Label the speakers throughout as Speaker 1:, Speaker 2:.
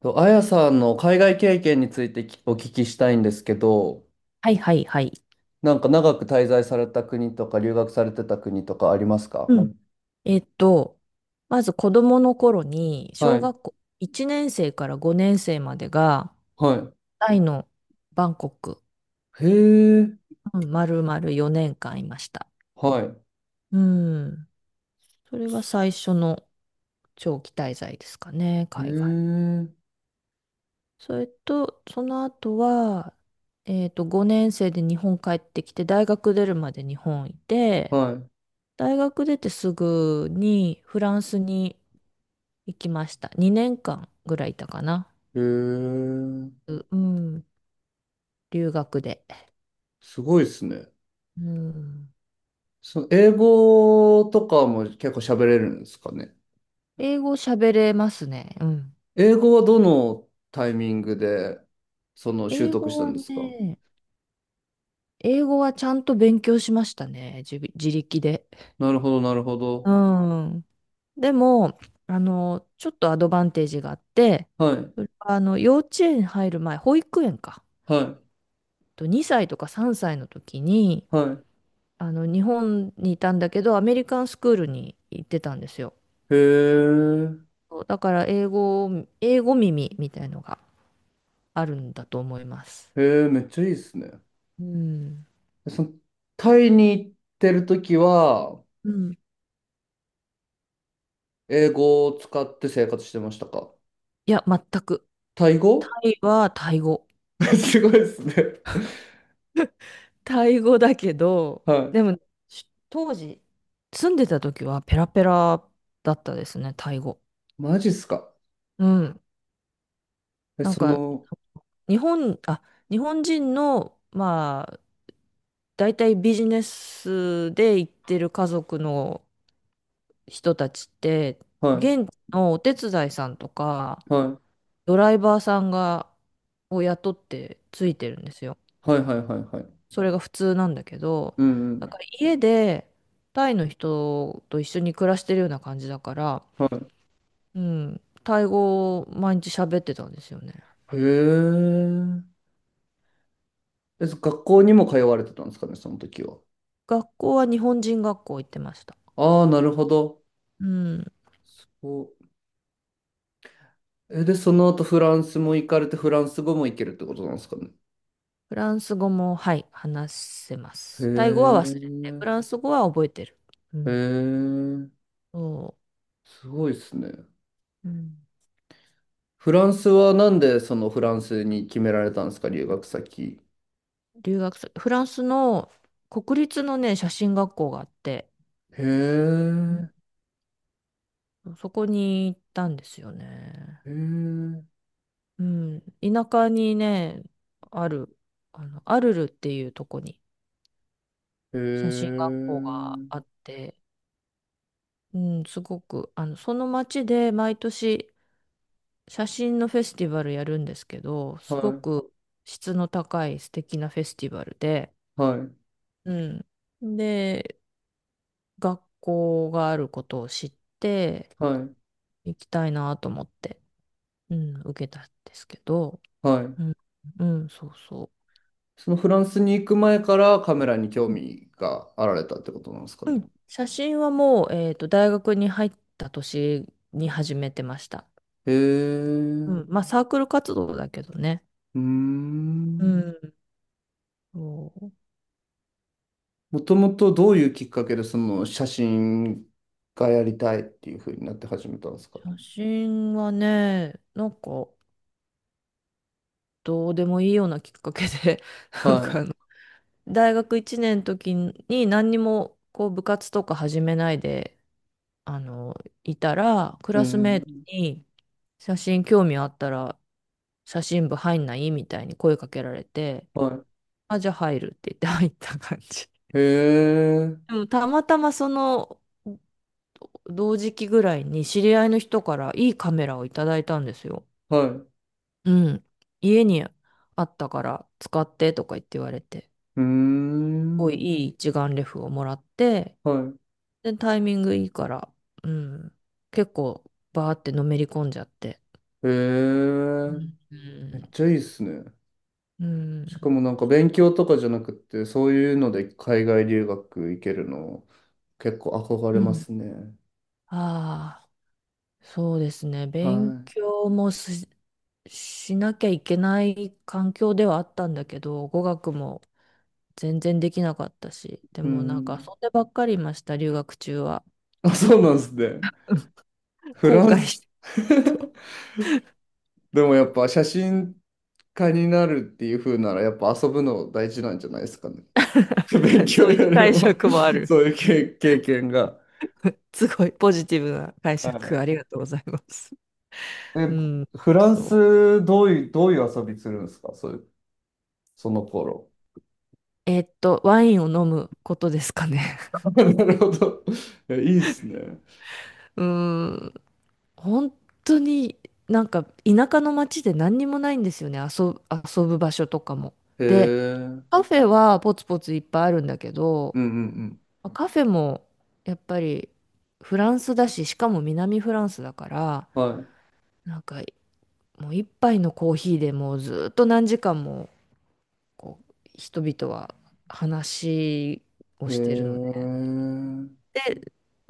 Speaker 1: と、あやさんの海外経験についてお聞きしたいんですけど、
Speaker 2: はいはいはい。
Speaker 1: なんか長く滞在された国とか留学されてた国とかありますか？
Speaker 2: うん。えっと、まず子供の頃に、
Speaker 1: は
Speaker 2: 小
Speaker 1: い、
Speaker 2: 学校1年生から5年生までが、
Speaker 1: は
Speaker 2: タイのバンコク、
Speaker 1: い。へえ、
Speaker 2: うん、丸々4年間いました。
Speaker 1: はい。
Speaker 2: うん。それが最初の長期滞在ですかね、
Speaker 1: へ
Speaker 2: 海外。
Speaker 1: え、
Speaker 2: それと、その後は、5年生で日本帰ってきて、大学出るまで日本いて、
Speaker 1: は
Speaker 2: 大学出てすぐにフランスに行きました。2年間ぐらいいたかな。
Speaker 1: い。へえ、
Speaker 2: うん、留学で。
Speaker 1: すごいですね。
Speaker 2: うん、
Speaker 1: その英語とかも結構喋れるんですかね。
Speaker 2: 英語喋れますね。うん。
Speaker 1: 英語はどのタイミングでその習
Speaker 2: 英
Speaker 1: 得し
Speaker 2: 語
Speaker 1: た
Speaker 2: は
Speaker 1: んですか？
Speaker 2: ね、英語はちゃんと勉強しましたね。自力で。
Speaker 1: なるほど、なるほ
Speaker 2: う
Speaker 1: ど。
Speaker 2: ん。でも、ちょっとアドバンテージがあって、
Speaker 1: はい、
Speaker 2: それは幼稚園入る前、保育園か。
Speaker 1: はい、
Speaker 2: と2歳とか3歳の時に、
Speaker 1: はい。
Speaker 2: 日本にいたんだけど、アメリカンスクールに行ってたんですよ。
Speaker 1: へえ。
Speaker 2: そうだから英語耳みたいのがあるんだと思います。
Speaker 1: へえ、めっちゃいいっすね。
Speaker 2: うん。
Speaker 1: その、タイに行ってるときは、
Speaker 2: うん。
Speaker 1: 英語を使って生活してましたか？
Speaker 2: いや、全く。
Speaker 1: タイ
Speaker 2: タ
Speaker 1: 語。
Speaker 2: イはタイ語。
Speaker 1: すごいっすね。
Speaker 2: タイ語だけど、
Speaker 1: はい。
Speaker 2: でも、当時、住んでた時はペラペラだったですね、タイ語。
Speaker 1: マジっすか？
Speaker 2: うん。
Speaker 1: え、
Speaker 2: なん
Speaker 1: そ
Speaker 2: か、
Speaker 1: の、
Speaker 2: 日本、あ、日本人の、まあ、大体ビジネスで行ってる家族の人たちって、
Speaker 1: は
Speaker 2: 現地のお手伝いさんとか、
Speaker 1: い、は
Speaker 2: ドライバーさんを雇ってついてるんですよ。
Speaker 1: い、はい、はい、はい、はい。
Speaker 2: それが普通なんだけど、
Speaker 1: うん、うん。
Speaker 2: だから家でタイの人と一緒に暮らしてるような感じだから、
Speaker 1: は
Speaker 2: うん、タイ語を毎日喋ってたんですよね。
Speaker 1: い。へえ。え、そ学校にも通われてたんですかね、その時は。
Speaker 2: 学校は日本人学校行ってました。
Speaker 1: ああ、なるほど。
Speaker 2: うん。
Speaker 1: そう。え、で、その後フランスも行かれて、フランス語も行けるってことなんですかね。
Speaker 2: フランス語も、はい、話せま
Speaker 1: へ
Speaker 2: す。タイ語は忘れて、フ
Speaker 1: え。
Speaker 2: ランス語は覚えてる。う
Speaker 1: へ
Speaker 2: ん。
Speaker 1: え。
Speaker 2: そ
Speaker 1: すごいですね。
Speaker 2: う。うん。
Speaker 1: フランスはなんでそのフランスに決められたんですか、留学先。
Speaker 2: 留学す、フランスの国立のね、写真学校があって、
Speaker 1: へえ、
Speaker 2: そこに行ったんですよね。
Speaker 1: へえ、
Speaker 2: うん。田舎にね、ある、アルルっていうとこに
Speaker 1: へ
Speaker 2: 写真学校が
Speaker 1: え、
Speaker 2: あって、うん、すごく、その町で毎年写真のフェスティバルやるんですけど、
Speaker 1: は
Speaker 2: すご
Speaker 1: い、
Speaker 2: く質の高い素敵なフェスティバルで、
Speaker 1: はい、
Speaker 2: うん。で、学校があることを知って、
Speaker 1: はい、
Speaker 2: 行きたいなと思って、うん、受けたんですけど、
Speaker 1: はい。
Speaker 2: うん、うん、そうそう。
Speaker 1: そのフランスに行く前からカメラに興味があられたってことなんですか
Speaker 2: う
Speaker 1: ね。
Speaker 2: ん。写真はもう、大学に入った年に始めてました。
Speaker 1: へ
Speaker 2: う
Speaker 1: え、う
Speaker 2: ん。まあ、サークル活動だけどね。
Speaker 1: ー
Speaker 2: う
Speaker 1: ん。
Speaker 2: ん。そう。
Speaker 1: もともとどういうきっかけでその写真がやりたいっていうふうになって始めたんですか。
Speaker 2: 写真はね、なんか、どうでもいいようなきっかけで、なん
Speaker 1: は
Speaker 2: か
Speaker 1: い、
Speaker 2: 大学1年の時に何にも、こう、部活とか始めないで、あの、いたら、ク
Speaker 1: う
Speaker 2: ラスメイ
Speaker 1: ん、
Speaker 2: トに、写真興味あったら、写真部入んないみたいに声かけられて、
Speaker 1: は
Speaker 2: あ、じゃあ入るって言って入った感じ。
Speaker 1: い。へえ、
Speaker 2: でもたまたまその同時期ぐらいに知り合いの人からいいカメラをいただいたんですよ。
Speaker 1: はい。
Speaker 2: うん。家にあったから使ってとか言って言われて、す
Speaker 1: うー
Speaker 2: ごい
Speaker 1: ん。
Speaker 2: いい一眼レフをもらって、
Speaker 1: は
Speaker 2: で、タイミングいいから、うん。結構バーってのめり込んじゃって。
Speaker 1: い。へ
Speaker 2: う
Speaker 1: え。め
Speaker 2: ん。
Speaker 1: っちゃいいっすね。
Speaker 2: う
Speaker 1: しか
Speaker 2: ん。
Speaker 1: もなんか勉強とかじゃなくって、そういうので海外留学行けるの、結構憧
Speaker 2: う
Speaker 1: れま
Speaker 2: ん。
Speaker 1: すね。
Speaker 2: ああ、そうですね。
Speaker 1: は
Speaker 2: 勉
Speaker 1: い。
Speaker 2: 強もしなきゃいけない環境ではあったんだけど、語学も全然できなかったし、で
Speaker 1: う
Speaker 2: もなんか
Speaker 1: ん。
Speaker 2: 遊んでばっかりいました、留学中は。
Speaker 1: あ、そうなんですね。フ
Speaker 2: 後
Speaker 1: ラン
Speaker 2: 悔し
Speaker 1: ス。
Speaker 2: てる と
Speaker 1: でもやっぱ写真家になるっていう風なら、やっぱ遊ぶの大事なんじゃないですかね。勉 強
Speaker 2: そうい
Speaker 1: よ
Speaker 2: う
Speaker 1: り
Speaker 2: 解
Speaker 1: も
Speaker 2: 釈もあ る
Speaker 1: そういう経験が。
Speaker 2: すごいポジティブな解釈、
Speaker 1: は
Speaker 2: ありがとうございます。
Speaker 1: い。
Speaker 2: う
Speaker 1: え、
Speaker 2: ん、
Speaker 1: フラン
Speaker 2: そう。
Speaker 1: ス、どういう遊びするんですかそういうその頃。
Speaker 2: ワインを飲むことですかね。
Speaker 1: なるほど。いいいっすね。
Speaker 2: うーん、本当になんか田舎の町で何にもないんですよね、遊ぶ場所とかも。
Speaker 1: へえ。
Speaker 2: で、
Speaker 1: う
Speaker 2: カフェはポツポツいっぱいあるんだけ
Speaker 1: ん
Speaker 2: ど、
Speaker 1: うん
Speaker 2: まあカフェもやっぱりフランスだし、しかも南フランスだから、
Speaker 1: うん。は
Speaker 2: なんかもう一杯のコーヒーでもうずっと何時間もこう人々は話を
Speaker 1: い。へ
Speaker 2: してるので、
Speaker 1: え。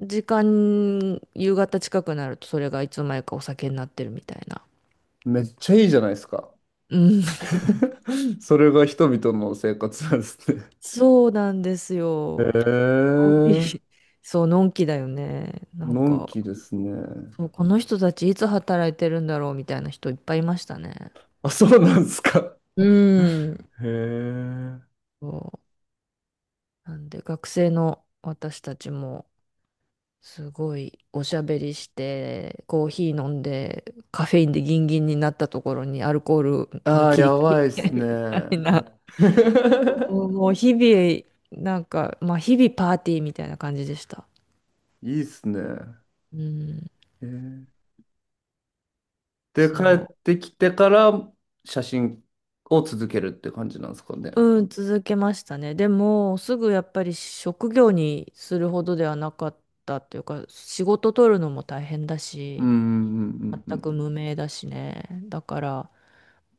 Speaker 2: で、夕方近くなるとそれがいつの間にかお酒になってるみたいな。
Speaker 1: めっちゃいいじゃないですか。
Speaker 2: うん、
Speaker 1: それが人々の生活なんですね。
Speaker 2: そうなんです
Speaker 1: へ
Speaker 2: よ。のんび
Speaker 1: え。
Speaker 2: り、そう、のんきだよね。なん
Speaker 1: のん
Speaker 2: か、
Speaker 1: きですね。
Speaker 2: そう、この人たちいつ働いてるんだろうみたいな人いっぱいいましたね。
Speaker 1: あ、そうなんですか。
Speaker 2: うん。
Speaker 1: へえ。
Speaker 2: そうなんで学生の私たちもすごいおしゃべりしてコーヒー飲んでカフェインでギンギンになったところにアルコールに
Speaker 1: ああ、
Speaker 2: 切り替
Speaker 1: やばいっ
Speaker 2: え
Speaker 1: す
Speaker 2: てみたい
Speaker 1: ね。
Speaker 2: な。 そ う、もう日々なんか、まあ日々パーティーみたいな感じでした。
Speaker 1: いいっすね。
Speaker 2: うん、
Speaker 1: へえ、で、
Speaker 2: そ
Speaker 1: 帰っ
Speaker 2: う、
Speaker 1: てきてから写真を続けるって感じなんですかね。
Speaker 2: うん、続けましたね。でもすぐやっぱり職業にするほどではなかったっていうか、仕事取るのも大変だ
Speaker 1: うん、う
Speaker 2: し、
Speaker 1: ん、うん、う
Speaker 2: 全く
Speaker 1: ん、
Speaker 2: 無名だしね。だから、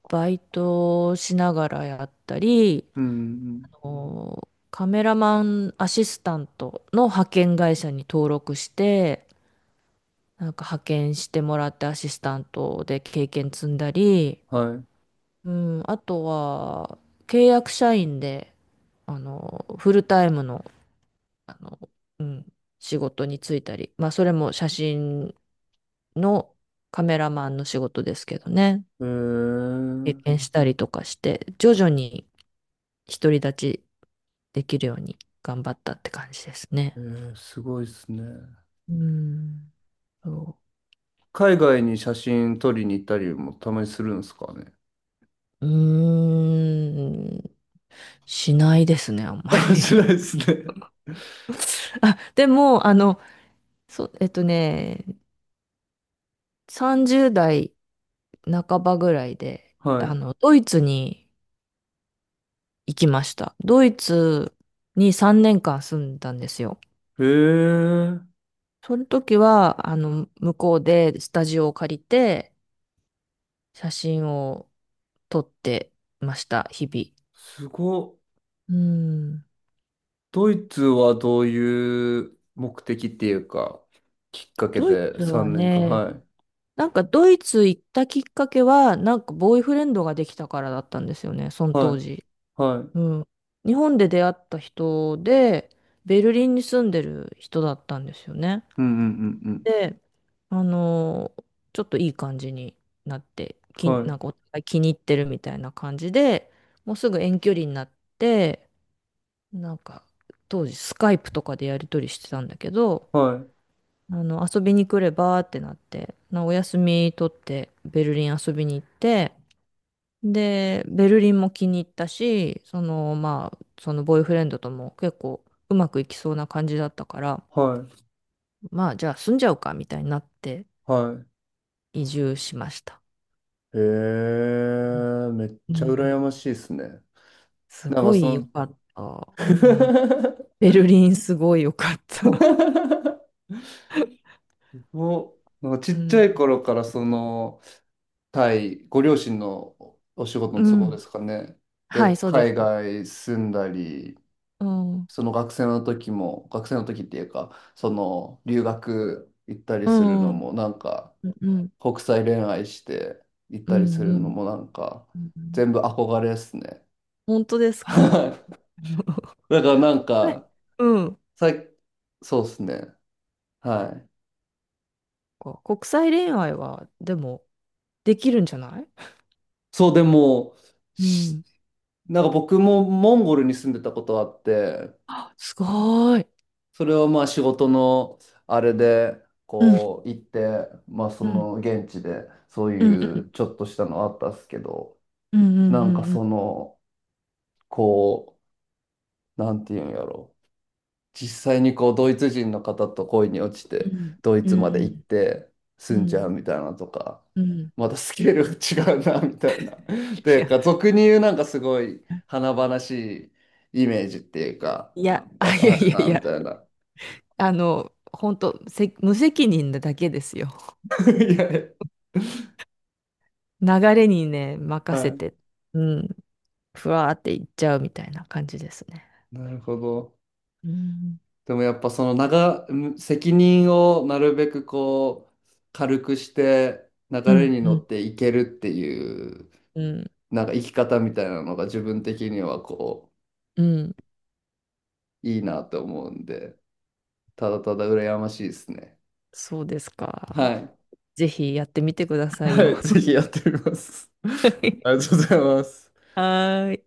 Speaker 2: バイトをしながらやったり、
Speaker 1: うんうん、
Speaker 2: カメラマンアシスタントの派遣会社に登録して、なんか派遣してもらってアシスタントで経験積んだり、
Speaker 1: はい。
Speaker 2: うん、あとは、契約社員で、フルタイムの、あの、うん、仕事に就いたり、まあ、それも写真のカメラマンの仕事ですけどね。
Speaker 1: え
Speaker 2: 経
Speaker 1: ー、
Speaker 2: 験したりとかして、徐々に独り立ちできるように頑張ったって感じですね。
Speaker 1: えー、すごいですね。
Speaker 2: うーん。そ
Speaker 1: 海外に写真撮りに行ったりもたまにするんですかね。
Speaker 2: う。うーん。しないですね、あん ま
Speaker 1: あ、し
Speaker 2: り。
Speaker 1: ないですね。
Speaker 2: あ、でも、そう、30代半ばぐらいで、
Speaker 1: は
Speaker 2: ドイツに行きました。ドイツに3年間住んだんですよ。
Speaker 1: い。へえ、
Speaker 2: その時は、向こうでスタジオを借りて、写真を撮ってました、日
Speaker 1: すごっ。
Speaker 2: 々。うん。
Speaker 1: ドイツはどういう目的っていうか、きっかけ
Speaker 2: ドイ
Speaker 1: で
Speaker 2: ツは
Speaker 1: 3年間。
Speaker 2: ね、
Speaker 1: はい。
Speaker 2: なんかドイツ行ったきっかけは、なんかボーイフレンドができたからだったんですよね、その当
Speaker 1: は
Speaker 2: 時。
Speaker 1: い。はい。うん
Speaker 2: うん。日本で出会った人で、ベルリンに住んでる人だったんですよね。
Speaker 1: うんうんうん。
Speaker 2: で、あのーちょっといい感じになって、
Speaker 1: はい。
Speaker 2: なんかお互い気に入ってるみたいな感じで、もうすぐ遠距離になって、なんか、当時スカイプとかでやり取りしてたんだけど、
Speaker 1: はい。
Speaker 2: 遊びに来ればってなって、お休み取ってベルリン遊びに行って、で、ベルリンも気に入ったし、その、まあ、そのボーイフレンドとも結構うまくいきそうな感じだったから、
Speaker 1: はい。
Speaker 2: まあ、じゃあ住んじゃうかみたいになって
Speaker 1: はい。
Speaker 2: 移住しました。
Speaker 1: へ
Speaker 2: うん。
Speaker 1: え、めっちゃ羨ましいですね。
Speaker 2: す
Speaker 1: なんか
Speaker 2: ご
Speaker 1: そ
Speaker 2: い
Speaker 1: の、
Speaker 2: 良かった。うん。ベルリンすごい良かった。
Speaker 1: もう、なんかち
Speaker 2: う
Speaker 1: っちゃ
Speaker 2: ん。
Speaker 1: い頃からその、タイ、ご両親のお仕事の
Speaker 2: う
Speaker 1: 都合で
Speaker 2: ん。
Speaker 1: すかね。
Speaker 2: は
Speaker 1: で、
Speaker 2: い、そうで
Speaker 1: 海
Speaker 2: す。
Speaker 1: 外住んだり、
Speaker 2: うん。
Speaker 1: その学生の時も、学生の時っていうか、その留学行ったり
Speaker 2: う
Speaker 1: するの
Speaker 2: ん。
Speaker 1: も、なんか
Speaker 2: うん、
Speaker 1: 国際恋愛して行っ
Speaker 2: う
Speaker 1: たりす
Speaker 2: ん、
Speaker 1: る
Speaker 2: う
Speaker 1: の
Speaker 2: ん。
Speaker 1: も、なんか
Speaker 2: うん。
Speaker 1: 全部憧れですね。
Speaker 2: 本当で すか？
Speaker 1: はい。 だからなん
Speaker 2: 国際、
Speaker 1: か、
Speaker 2: うん。
Speaker 1: さい、そうですね。はい。
Speaker 2: 国際恋愛は、でも、できるんじゃない？
Speaker 1: そう、でも、
Speaker 2: う
Speaker 1: し、
Speaker 2: ん。
Speaker 1: なんか僕もモンゴルに住んでたことあって、
Speaker 2: あ、すごい。
Speaker 1: それはまあ仕事のあれで、
Speaker 2: うん、
Speaker 1: こう行って、まあそ
Speaker 2: うん、
Speaker 1: の現地でそう
Speaker 2: うん、
Speaker 1: い
Speaker 2: う
Speaker 1: う
Speaker 2: ん、
Speaker 1: ちょっとしたのあったっすけど、
Speaker 2: うん、う
Speaker 1: なんか
Speaker 2: ん、うん、
Speaker 1: その、こう、なんていうんやろ。実際にこうドイツ人の方と恋に落ち
Speaker 2: う
Speaker 1: て
Speaker 2: ん、
Speaker 1: ドイ
Speaker 2: う
Speaker 1: ツまで行っ
Speaker 2: ん、
Speaker 1: て
Speaker 2: う
Speaker 1: 住んじゃう
Speaker 2: ん。
Speaker 1: みたいなとか、またスケールが違うなみたいな。
Speaker 2: い
Speaker 1: で
Speaker 2: や、
Speaker 1: か俗に言うなんかすごい華々しいイメージっていうか
Speaker 2: いや、
Speaker 1: や
Speaker 2: あ、
Speaker 1: っ
Speaker 2: い
Speaker 1: ぱ
Speaker 2: や
Speaker 1: あ
Speaker 2: い
Speaker 1: る
Speaker 2: やい
Speaker 1: なみ
Speaker 2: や、
Speaker 1: たいな。
Speaker 2: 本当、無責任なだけですよ。
Speaker 1: いやい
Speaker 2: 流れにね、
Speaker 1: や、
Speaker 2: 任せ
Speaker 1: はい、
Speaker 2: て、うん、ふわーっていっちゃうみたいな感じですね。
Speaker 1: なるほど。
Speaker 2: うん、
Speaker 1: でもやっぱその長ん責任をなるべくこう軽くして流
Speaker 2: う
Speaker 1: れ
Speaker 2: ん、
Speaker 1: に
Speaker 2: う
Speaker 1: 乗っ
Speaker 2: ん
Speaker 1: ていけるっていう、
Speaker 2: うん、
Speaker 1: なんか生き方みたいなのが自分的にはこう。
Speaker 2: うん、
Speaker 1: いいなと思うんで、ただただ羨ましいですね。
Speaker 2: そうです
Speaker 1: は
Speaker 2: か？
Speaker 1: い。
Speaker 2: ぜひやってみてください
Speaker 1: は
Speaker 2: よ。
Speaker 1: い、ぜひやってみます。ありが とうございます。
Speaker 2: はーい。